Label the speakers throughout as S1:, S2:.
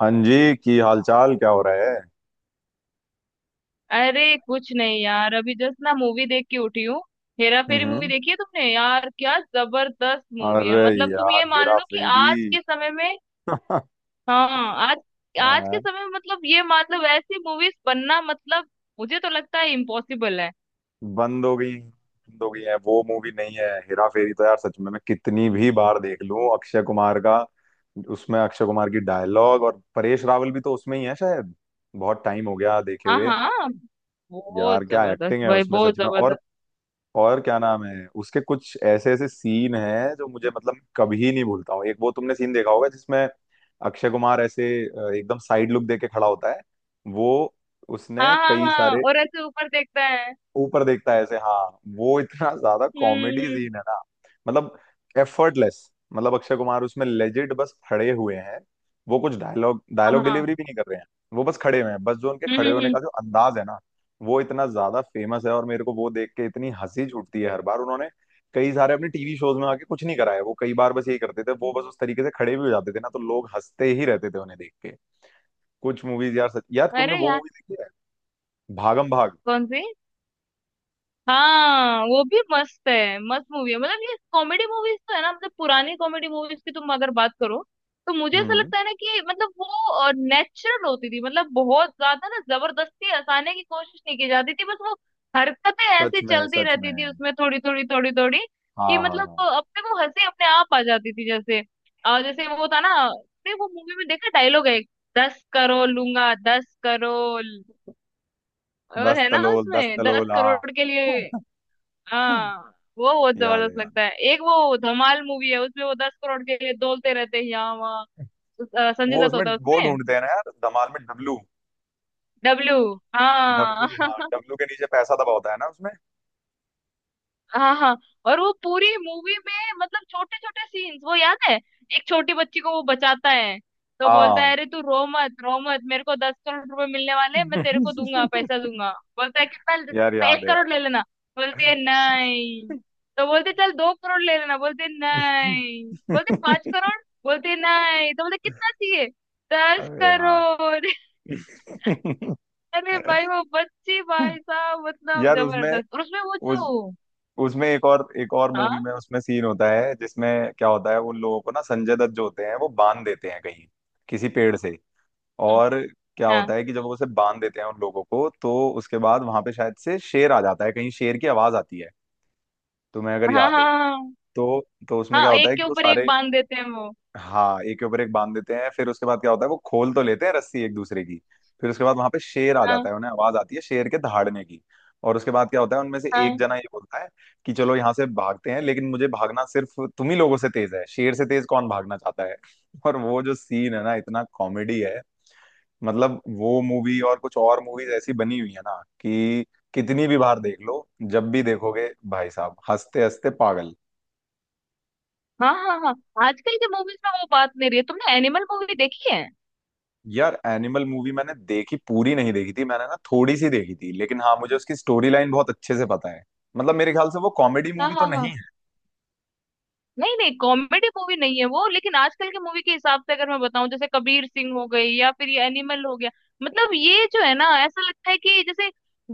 S1: हाँ जी, की हालचाल क्या हो रहा है।
S2: अरे कुछ नहीं यार, अभी जस्ट ना मूवी देख के उठी हूँ। हेरा फेरी मूवी
S1: हम्म।
S2: देखी है तुमने यार? क्या जबरदस्त मूवी है।
S1: अरे।
S2: मतलब तुम
S1: यार
S2: ये मान
S1: हेरा
S2: लो कि
S1: फेरी।
S2: आज के समय में, हाँ, आज, आज के
S1: हाँ।
S2: समय में मतलब ये मान लो ऐसी मूवीज बनना, मतलब मुझे तो लगता है इम्पॉसिबल है।
S1: बंद हो गई, बंद हो गई है। वो मूवी नहीं है? हेरा फेरी तो यार सच में, मैं कितनी भी बार देख लूं अक्षय कुमार का। उसमें अक्षय कुमार की डायलॉग, और परेश रावल भी तो उसमें ही है शायद। बहुत टाइम हो गया देखे
S2: हाँ
S1: हुए।
S2: हाँ। बहुत
S1: यार क्या
S2: जबरदस्त
S1: एक्टिंग है
S2: भाई,
S1: उसमें,
S2: बहुत
S1: सच में। और
S2: जबरदस्त।
S1: और क्या नाम है उसके, कुछ ऐसे ऐसे सीन हैं जो मुझे, मतलब, कभी नहीं भूलता हूँ। एक वो तुमने सीन देखा होगा जिसमें अक्षय कुमार ऐसे एकदम साइड लुक देके खड़ा होता है। वो।
S2: हाँ
S1: उसने
S2: हाँ
S1: कई
S2: हाँ,
S1: सारे।
S2: और ऐसे ऊपर देखता है।
S1: ऊपर देखता है ऐसे, हाँ। वो इतना ज्यादा
S2: हम्म,
S1: कॉमेडी
S2: हम्म।
S1: सीन है ना। मतलब एफर्टलेस, मतलब अक्षय कुमार उसमें लेजिट बस खड़े हुए हैं। वो कुछ डायलॉग
S2: हाँ
S1: डायलॉग
S2: हाँ।
S1: डिलीवरी भी नहीं कर रहे हैं। वो बस खड़े हुए हैं, बस जो उनके
S2: हम्म
S1: खड़े
S2: हम्म
S1: होने
S2: हम्म।
S1: का जो अंदाज है ना, वो इतना ज्यादा फेमस है। और मेरे को वो देख के इतनी हंसी छूटती है हर बार। उन्होंने कई सारे अपने टीवी शोज में आके कुछ नहीं कराया, वो कई बार बस यही करते थे। वो बस उस तरीके से खड़े भी हो जाते थे ना, तो लोग हंसते ही रहते थे उन्हें देख के। कुछ मूवीज यार, सच, यार तुमने
S2: अरे
S1: वो
S2: यार,
S1: मूवी देखी है भागम भाग?
S2: कौन सी? हाँ वो भी मस्त है, मस्त मूवी है। मतलब ये कॉमेडी मूवीज तो है ना, मतलब पुरानी कॉमेडी मूवीज की तुम अगर बात करो, तो मुझे ऐसा
S1: हम्म।
S2: लगता है ना कि मतलब वो नेचुरल होती थी। मतलब बहुत ज्यादा ना जबरदस्ती हंसाने की कोशिश नहीं की जाती थी, बस वो हरकतें ऐसी
S1: सच में,
S2: चलती
S1: सच
S2: रहती थी
S1: में।
S2: उसमें थोड़ी थोड़ी थोड़ी थोड़ी कि
S1: हाँ, हाँ,
S2: मतलब
S1: हाँ।
S2: वो अपने वो हंसी अपने आप आ जाती थी जैसे। और जैसे वो था ना, अरे वो मूवी में देखा डायलॉग है एक, 10 करोड़ लूंगा, 10 करोड़। और
S1: दस
S2: है ना
S1: तलोल, 10
S2: उसमें दस
S1: तलोल, हाँ।
S2: करोड़ के लिए, हाँ, वो बहुत
S1: याद है,
S2: जबरदस्त
S1: याद है।
S2: लगता है। एक वो धमाल मूवी है, उसमें वो 10 करोड़ के लिए डोलते रहते हैं यहाँ वहाँ। संजय
S1: वो
S2: दत्त
S1: उसमें
S2: होता है
S1: वो
S2: उसमें।
S1: ढूंढते हैं ना यार, धमाल में, डब्लू।
S2: डब्लू। हाँ।
S1: डब्लू, हाँ, डब्लू के नीचे पैसा दबा होता है ना उसमें।
S2: हाँ हाँ। और वो पूरी मूवी में मतलब छोटे छोटे सीन्स, वो याद है, एक छोटी बच्ची को वो बचाता है, तो बोलता
S1: हाँ।
S2: है अरे तू रो मत रो मत, मेरे को 10 करोड़ रुपए मिलने वाले हैं, मैं तेरे को दूंगा, पैसा दूंगा। बोलता है
S1: यार
S2: कितना?
S1: याद
S2: एक
S1: है, याद
S2: करोड़
S1: है।
S2: ले लेना। बोलती है नहीं। तो बोलते चल 2 करोड़ ले लेना, बोलते नहीं। बोलते पांच करोड़ बोलते नहीं, तो बोलते कितना चाहिए? दस
S1: अरे यार।
S2: करोड़ अरे भाई वो बच्ची भाई साहब, मतलब
S1: यार उसमें
S2: जबरदस्त। और उसमें वो
S1: उस
S2: जो,
S1: उसमें एक और मूवी
S2: हाँ।
S1: में उसमें सीन होता है जिसमें क्या होता है, उन लोगों को ना, संजय दत्त जो होते हैं वो बांध देते हैं कहीं, किसी पेड़ से।
S2: हम्म,
S1: और क्या
S2: हाँ।
S1: होता है कि जब वो उसे बांध देते हैं उन लोगों को, तो उसके बाद वहां पे शायद से शेर आ जाता है कहीं, शेर की आवाज आती है, तुम्हें अगर
S2: हाँ हाँ
S1: याद हो।
S2: हाँ हाँ।
S1: तो तो उसमें क्या
S2: हाँ,
S1: होता
S2: एक
S1: है
S2: के
S1: कि वो
S2: ऊपर एक
S1: सारे,
S2: बांध देते हैं वो।
S1: हाँ एक के ऊपर एक बांध देते हैं, फिर उसके बाद क्या होता है, वो खोल तो लेते हैं रस्सी एक दूसरे की। फिर उसके बाद वहां पे शेर आ जाता
S2: हाँ
S1: है, उन्हें आवाज आती है शेर के दहाड़ने की। और उसके बाद क्या होता है, उनमें से एक
S2: हाँ
S1: जना ये बोलता है कि चलो यहाँ से भागते हैं, लेकिन मुझे भागना सिर्फ तुम ही लोगों से तेज है, शेर से तेज कौन भागना चाहता है? और वो जो सीन है ना, इतना कॉमेडी है। मतलब वो मूवी और कुछ और मूवीज ऐसी बनी हुई है ना, कि कितनी भी बार देख लो, जब भी देखोगे भाई साहब हंसते हंसते पागल।
S2: हाँ हाँ हाँ। आजकल के मूवीज में वो बात नहीं रही है। तुमने एनिमल मूवी देखी है?
S1: यार एनिमल मूवी मैंने देखी, पूरी नहीं देखी थी मैंने ना, थोड़ी सी देखी थी, लेकिन हाँ मुझे उसकी स्टोरी लाइन बहुत अच्छे से पता है। मतलब मेरे ख्याल से वो कॉमेडी
S2: हाँ
S1: मूवी तो
S2: हाँ
S1: नहीं
S2: हाँ।
S1: है।
S2: नहीं नहीं, कॉमेडी मूवी नहीं है वो, लेकिन आजकल की मूवी के हिसाब से अगर मैं बताऊं जैसे कबीर सिंह हो गई या फिर ये एनिमल हो गया, मतलब ये जो है ना ऐसा लगता है कि जैसे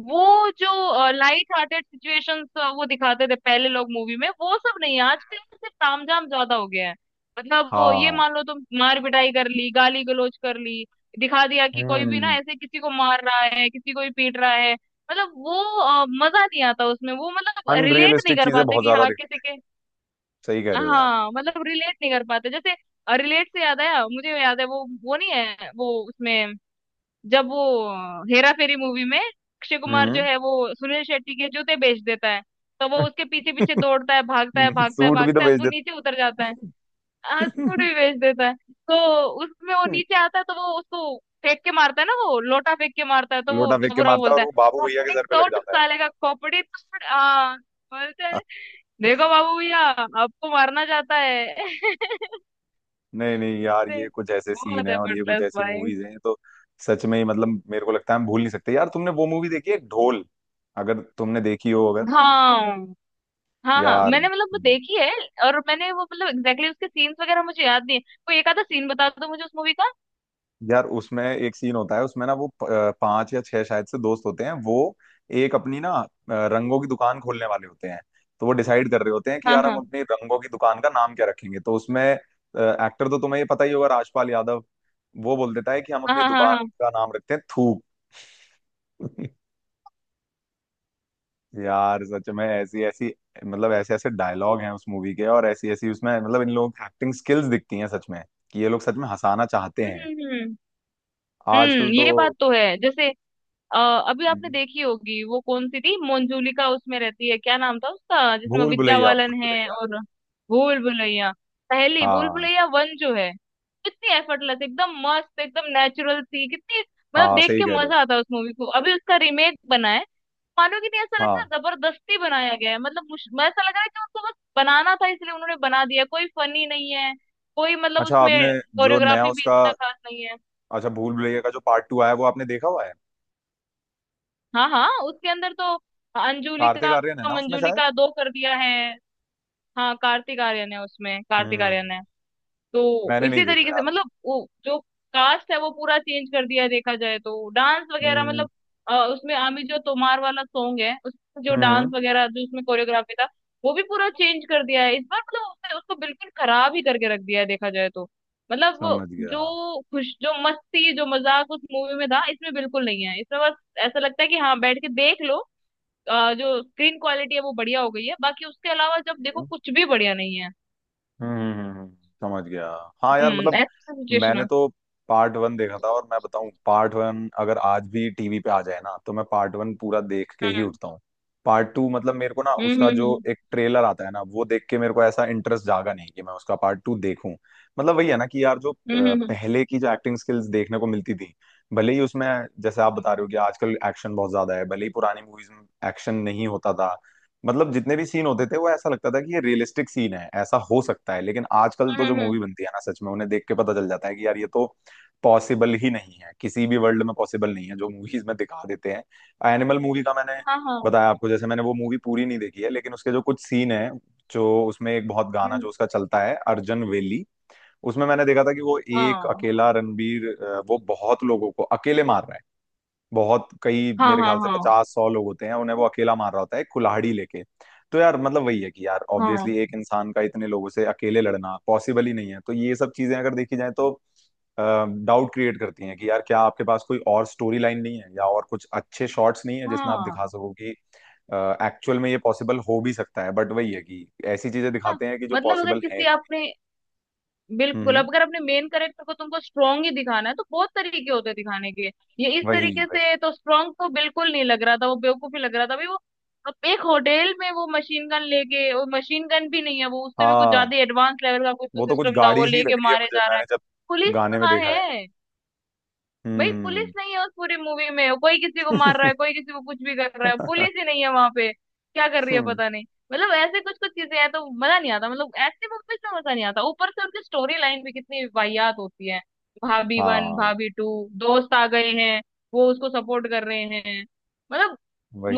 S2: वो जो लाइट हार्टेड सिचुएशंस वो दिखाते थे पहले लोग मूवी में, वो सब नहीं है आजकल। तो सिर्फ तामझाम ज्यादा हो गया है। मतलब वो ये
S1: हाँ।
S2: मान लो, तुम मार पिटाई कर ली, गाली गलौज कर ली, दिखा दिया कि कोई भी ना
S1: हम्म।
S2: ऐसे किसी को मार रहा है, किसी को भी पीट रहा है। मतलब वो मजा नहीं आता उसमें वो, मतलब रिलेट नहीं
S1: अनरियलिस्टिक
S2: कर
S1: चीजें
S2: पाते
S1: बहुत
S2: कि
S1: ज्यादा
S2: हाँ
S1: दिख।
S2: किसी के,
S1: सही कह रहे हो यार।
S2: हाँ मतलब रिलेट नहीं कर पाते जैसे। रिलेट से याद आया, मुझे याद है वो नहीं है, वो उसमें जब वो हेरा फेरी मूवी में अक्षय कुमार जो
S1: हम्म।
S2: है वो सुनील शेट्टी के जूते बेच देता है, तो वो उसके पीछे पीछे दौड़ता है, भागता है भागता है
S1: सूट भी तो
S2: भागता है,
S1: बेच
S2: वो नीचे उतर जाता है। हाँ सूट
S1: देते।
S2: भी बेच देता है। तो उसमें वो नीचे आता है, तो वो उसको फेंक के मारता है ना, वो लोटा फेंक के मारता है, तो वो
S1: लोटा फेंक के
S2: बाबूराव
S1: मारता है, और
S2: बोलता है
S1: वो बाबू भैया के
S2: खोपड़ी
S1: सर पे लग
S2: तोड़
S1: जाता है।
S2: साले का, खोपड़ी तोड़ आ, बोलता है देखो बाबू भैया आपको मारना चाहता है।
S1: नहीं, नहीं, यार,
S2: से-
S1: ये कुछ ऐसे सीन
S2: बहुत
S1: है
S2: है
S1: और ये कुछ
S2: बटलर्स
S1: ऐसी
S2: भाई।
S1: मूवीज हैं, तो सच में ही, मतलब मेरे को लगता है हम भूल नहीं सकते। यार तुमने वो मूवी देखी है ढोल, अगर तुमने देखी हो, अगर।
S2: हाँ हाँ हाँ,
S1: यार,
S2: मैंने मतलब वो देखी है, और मैंने वो मतलब एग्जैक्टली exactly उसके सीन्स वगैरह मुझे याद नहीं है, कोई एक आधा सीन बता दो मुझे उस मूवी का।
S1: यार उसमें एक सीन होता है, उसमें ना वो पांच या छह शायद से दोस्त होते हैं वो। एक अपनी ना रंगों की दुकान खोलने वाले होते हैं। तो वो डिसाइड कर रहे होते हैं कि
S2: हाँ
S1: यार हम
S2: हाँ
S1: अपनी रंगों की दुकान का नाम क्या रखेंगे, तो उसमें एक्टर तो तुम्हें ये पता ही होगा, राजपाल यादव। वो बोल देता है कि हम
S2: हाँ
S1: अपनी
S2: हाँ हाँ
S1: दुकान
S2: हाँ।
S1: का नाम रखते हैं थूक। यार सच में ऐसी ऐसी, मतलब ऐसे ऐसे डायलॉग हैं उस मूवी के, और ऐसी ऐसी उसमें, मतलब इन लोग एक्टिंग स्किल्स दिखती हैं, सच में कि ये लोग सच में हंसाना चाहते
S2: हम्म
S1: हैं।
S2: हम्म हम्म
S1: आजकल तो।
S2: ये बात तो है जैसे। अ, अभी आपने देखी होगी वो कौन सी थी, मंजुलिका उसमें रहती है, क्या नाम था उसका जिसमें
S1: भूल
S2: विद्या
S1: भुलैया,
S2: बालन
S1: भूल
S2: है
S1: भुलैया।
S2: और, भूल भुलैया, पहली भूल
S1: हाँ,
S2: भुलैया वन जो है, कितनी एफर्टलेस, एकदम मस्त, एकदम नेचुरल थी कितनी, मतलब
S1: हाँ
S2: देख
S1: सही
S2: के
S1: कह रहे,
S2: मजा आता है उस मूवी को। अभी उसका रीमेक बना है, मानोगे नहीं, ऐसा
S1: हो
S2: लगता
S1: हाँ।
S2: है जबरदस्ती बनाया गया है। मतलब मैं ऐसा लग रहा है कि उनको बस बनाना था इसलिए उन्होंने बना दिया, कोई फनी नहीं है, कोई मतलब
S1: अच्छा आपने
S2: उसमें
S1: जो नया
S2: कोरियोग्राफी भी
S1: उसका,
S2: इतना खास नहीं है।
S1: अच्छा भूल भुलैया का जो पार्ट टू आया वो आपने देखा हुआ है?
S2: हाँ हाँ, उसके अंदर तो
S1: कार्तिक
S2: अंजुलिका,
S1: आर्यन है ना उसमें शायद।
S2: मंजुलिका दो कर दिया है। हाँ कार्तिक आर्यन है उसमें, कार्तिक
S1: हम्म।
S2: आर्यन है। तो
S1: मैंने नहीं
S2: इसी
S1: देखा
S2: तरीके से
S1: यार वो।
S2: मतलब वो जो कास्ट है वो पूरा चेंज कर दिया देखा जाए तो। डांस वगैरह
S1: हम्म,
S2: मतलब उसमें आमी जो तोमार वाला सॉन्ग है, उसमें जो डांस
S1: हम्म,
S2: वगैरह जो उसमें कोरियोग्राफी था, वो भी पूरा चेंज कर दिया है इस बार। मतलब उसने उसको बिल्कुल खराब ही करके रख दिया है देखा जाए तो। मतलब वो
S1: समझ गया।
S2: जो खुश जो मस्ती जो मजाक उस मूवी में था इसमें बिल्कुल नहीं है। इसमें बस ऐसा लगता है कि हाँ बैठ के देख लो। जो स्क्रीन क्वालिटी है वो बढ़िया हो गई है, बाकी उसके अलावा जब देखो
S1: हम्म,
S2: कुछ भी बढ़िया नहीं है।
S1: हम्म, हम्म, समझ गया। हाँ यार
S2: हम्म,
S1: मतलब।
S2: ऐसा सिचुएशन है।
S1: मैंने तो पार्ट वन देखा था, और मैं बताऊं पार्ट वन अगर आज भी टीवी पे आ जाए ना, तो मैं पार्ट वन पूरा देख के ही उठता हूँ। पार्ट टू मतलब मेरे को ना,
S2: हम्म
S1: उसका जो
S2: हम्म
S1: एक ट्रेलर आता है ना, वो देख के मेरे को ऐसा इंटरेस्ट जागा नहीं कि मैं उसका पार्ट टू देखूं। मतलब वही है ना कि यार जो
S2: हम्म हम्म हम्म
S1: पहले की जो एक्टिंग स्किल्स देखने को मिलती थी, भले ही उसमें, जैसे आप बता रहे हो कि आजकल एक्शन बहुत ज्यादा है, भले ही पुरानी मूवीज में एक्शन नहीं होता था। मतलब जितने भी सीन होते थे वो ऐसा लगता था कि ये रियलिस्टिक सीन है, ऐसा हो सकता है, लेकिन आजकल
S2: हम्म
S1: तो जो
S2: हम्म,
S1: मूवी
S2: हम्म,
S1: बनती है ना, सच में उन्हें देख के पता चल जाता है कि यार ये तो पॉसिबल ही नहीं है, किसी भी वर्ल्ड में पॉसिबल नहीं है जो मूवीज में दिखा देते हैं। एनिमल मूवी का मैंने
S2: हाँ हाँ।
S1: बताया आपको, जैसे मैंने वो मूवी पूरी नहीं देखी है, लेकिन उसके जो कुछ सीन है, जो उसमें, एक बहुत गाना
S2: हम्म,
S1: जो उसका चलता है अर्जन वेली। उसमें मैंने देखा था कि वो एक
S2: हाँ
S1: अकेला रणबीर, वो बहुत लोगों को अकेले मार रहा है। बहुत कई,
S2: हाँ
S1: मेरे
S2: हाँ
S1: ख्याल से
S2: हाँ
S1: 50 100 लोग होते हैं, उन्हें वो अकेला मार रहा होता है, एक कुल्हाड़ी लेके। तो यार मतलब वही है कि यार,
S2: हाँ
S1: ऑब्वियसली एक इंसान का इतने लोगों से अकेले लड़ना पॉसिबल ही नहीं है, तो ये सब चीजें अगर देखी जाए, तो डाउट क्रिएट करती हैं कि यार क्या आपके पास कोई और स्टोरी लाइन नहीं है, या और कुछ अच्छे शॉट्स नहीं है जिसमें आप दिखा
S2: हाँ।
S1: सको कि एक्चुअल में ये पॉसिबल हो भी सकता है। बट वही है कि ऐसी चीजें
S2: हाँ
S1: दिखाते हैं कि जो
S2: मतलब अगर
S1: पॉसिबल है।
S2: किसी आपने, बिल्कुल,
S1: हम्म।
S2: अब अगर अपने मेन करेक्टर को तुमको स्ट्रांग ही दिखाना है तो बहुत तरीके होते हैं दिखाने के। ये इस
S1: वही,
S2: तरीके
S1: वही।
S2: से तो स्ट्रांग तो बिल्कुल नहीं लग रहा था, वो बेवकूफ ही लग रहा था भाई वो। अब एक होटल में वो मशीन गन लेके, वो मशीन गन भी नहीं है वो, उससे भी कुछ
S1: हाँ।
S2: ज्यादा एडवांस लेवल का कुछ तो
S1: वो तो कुछ
S2: सिस्टम था वो
S1: गाड़ी सी
S2: लेके
S1: लग रही है
S2: मारे
S1: मुझे,
S2: जा रहा
S1: मैंने
S2: है।
S1: जब
S2: पुलिस
S1: गाने में
S2: कहाँ
S1: देखा है।
S2: है? भाई पुलिस
S1: हम्म।
S2: नहीं है उस पूरी मूवी में, कोई किसी को मार रहा है, कोई किसी को कुछ भी कर रहा है, पुलिस ही नहीं है वहां पे, क्या कर रही है पता नहीं। मतलब ऐसे कुछ कुछ चीजें हैं, तो मजा नहीं आता, मतलब ऐसे मूवीज में मजा नहीं आता। ऊपर से उनकी स्टोरी लाइन भी कितनी वाहियात होती है। भाभी वन,
S1: हाँ
S2: भाभी टू, दोस्त आ गए हैं, वो उसको सपोर्ट कर रहे हैं, मतलब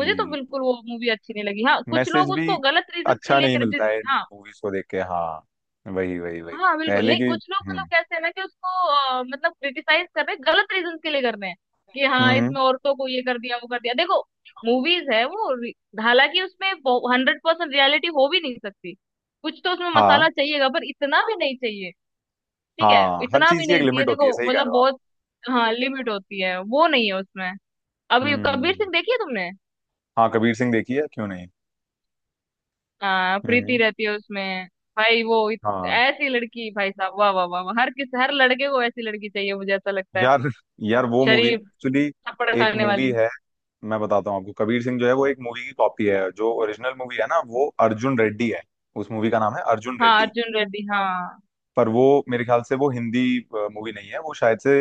S2: मुझे तो बिल्कुल वो मूवी अच्छी नहीं लगी। हाँ कुछ
S1: मैसेज
S2: लोग
S1: भी
S2: उसको गलत रीजन के
S1: अच्छा
S2: लिए
S1: नहीं मिलता
S2: क्रिटिस,
S1: है
S2: हाँ।
S1: मूवीज को देख के, हाँ वही, वही, वही।
S2: हाँ बिल्कुल
S1: पहले
S2: नहीं,
S1: की।
S2: कुछ लोग मतलब
S1: हम्म,
S2: कैसे है ना कि उसको मतलब क्रिटिसाइज कर रहे हैं, गलत रीजन के लिए कर रहे हैं, कि
S1: हम्म,
S2: हाँ इसमें औरतों को ये कर दिया वो कर दिया देखो। मूवीज है वो रि- हालांकि उसमें 100% रियलिटी हो भी नहीं सकती, कुछ तो उसमें
S1: हाँ,
S2: मसाला चाहिएगा, पर इतना भी नहीं चाहिए। ठीक है,
S1: हाँ हर
S2: इतना
S1: चीज
S2: भी
S1: की एक
S2: नहीं चाहिए
S1: लिमिट होती है,
S2: देखो,
S1: सही कह
S2: मतलब
S1: रहे हो आप।
S2: बहुत। हाँ लिमिट होती है, वो नहीं है उसमें। अभी
S1: हम्म,
S2: कबीर सिंह देखी है तुमने?
S1: हाँ कबीर सिंह देखी है, क्यों नहीं।
S2: हाँ, प्रीति
S1: हम्म।
S2: रहती है उसमें। भाई वो इत-
S1: हाँ।
S2: ऐसी लड़की भाई साहब, वाह वाह वाह वाह, हर किस हर लड़के को ऐसी लड़की चाहिए, मुझे ऐसा लगता है।
S1: यार, यार वो मूवी
S2: शरीफ,
S1: एक्चुअली
S2: थप्पड़
S1: एक
S2: खाने
S1: मूवी
S2: वाली।
S1: है। मैं बताता हूँ आपको, कबीर सिंह जो है वो एक मूवी की कॉपी है, जो ओरिजिनल मूवी है ना, वो अर्जुन रेड्डी है। उस मूवी का नाम है अर्जुन
S2: हाँ
S1: रेड्डी।
S2: अर्जुन रेड्डी हाँ।
S1: पर वो मेरे ख्याल से वो हिंदी मूवी नहीं है, वो शायद से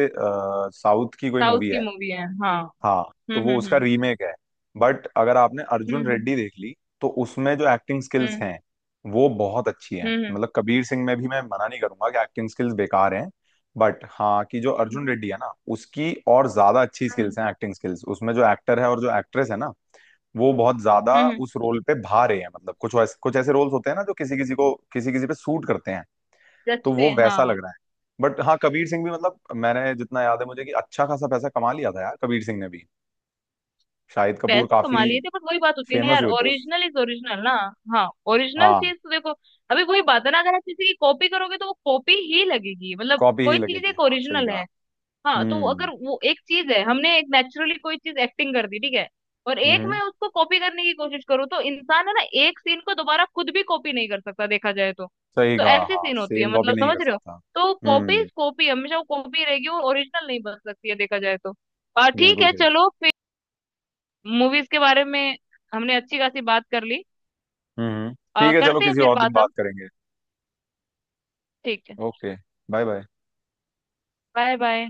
S1: साउथ की कोई
S2: साउथ
S1: मूवी
S2: की
S1: है।
S2: मूवी है हाँ।
S1: हाँ। तो वो उसका
S2: हम्म।
S1: रीमेक है, बट अगर आपने
S2: हम्म
S1: अर्जुन
S2: हम्म
S1: रेड्डी देख ली, तो उसमें जो एक्टिंग स्किल्स हैं वो बहुत अच्छी हैं।
S2: हम्म हम्म हम्म हम्म
S1: मतलब कबीर सिंह में भी मैं मना नहीं करूंगा कि एक्टिंग स्किल्स बेकार हैं। बट हाँ कि जो अर्जुन रेड्डी है ना, उसकी और ज्यादा अच्छी
S2: हम्म,
S1: स्किल्स हैं, एक्टिंग स्किल्स, उसमें जो एक्टर है और जो एक्ट्रेस है ना, वो बहुत ज्यादा
S2: हम्म, हम्म,
S1: उस रोल पे भा रहे हैं। मतलब कुछ वैसे, कुछ ऐसे रोल्स होते हैं ना जो किसी किसी को, किसी किसी पे सूट करते हैं, तो
S2: जचते
S1: वो
S2: हैं
S1: वैसा
S2: हाँ।
S1: लग रहा है। बट हाँ कबीर सिंह भी, मतलब मैंने जितना याद है मुझे, कि अच्छा खासा पैसा कमा लिया था यार कबीर सिंह ने भी, शाहिद कपूर
S2: पैसे तो कमा
S1: काफी
S2: लिए थे, बट वही बात होती है ना
S1: फेमस
S2: यार,
S1: हुए थे उस।
S2: ओरिजिनल इज ओरिजिनल ना। हाँ, ओरिजिनल
S1: हाँ,
S2: चीज तो देखो, अभी वही बात है ना, अगर आप किसी की कॉपी करोगे तो वो कॉपी ही लगेगी। मतलब
S1: कॉपी ही
S2: कोई चीज
S1: लगेगी,
S2: एक
S1: हाँ सही
S2: ओरिजिनल
S1: कहा।
S2: है, हाँ, तो अगर
S1: हम्म,
S2: वो एक चीज है हमने एक नेचुरली कोई चीज एक्टिंग कर दी ठीक है, और एक
S1: हम्म,
S2: मैं उसको कॉपी करने की कोशिश करूँ, तो इंसान है ना, एक सीन को दोबारा खुद भी कॉपी नहीं कर सकता देखा जाए तो।
S1: सही
S2: तो
S1: कहा,
S2: ऐसी
S1: हाँ
S2: सीन होती है,
S1: सेम कॉपी
S2: मतलब
S1: नहीं
S2: समझ
S1: कर
S2: रहे हो?
S1: सकता।
S2: तो कॉपी
S1: हम्म।
S2: कॉपी हमेशा वो कॉपी रहेगी, वो ओरिजिनल नहीं बन सकती है देखा जाए तो। ठीक
S1: बिल्कुल
S2: है
S1: सही।
S2: चलो फिर, मूवीज के बारे में हमने अच्छी खासी बात कर ली।
S1: हम्म, ठीक है, चलो
S2: करते हैं
S1: किसी
S2: फिर
S1: और दिन
S2: बात
S1: बात
S2: हम।
S1: करेंगे।
S2: ठीक है।
S1: Okay. Bye bye.
S2: Bye bye.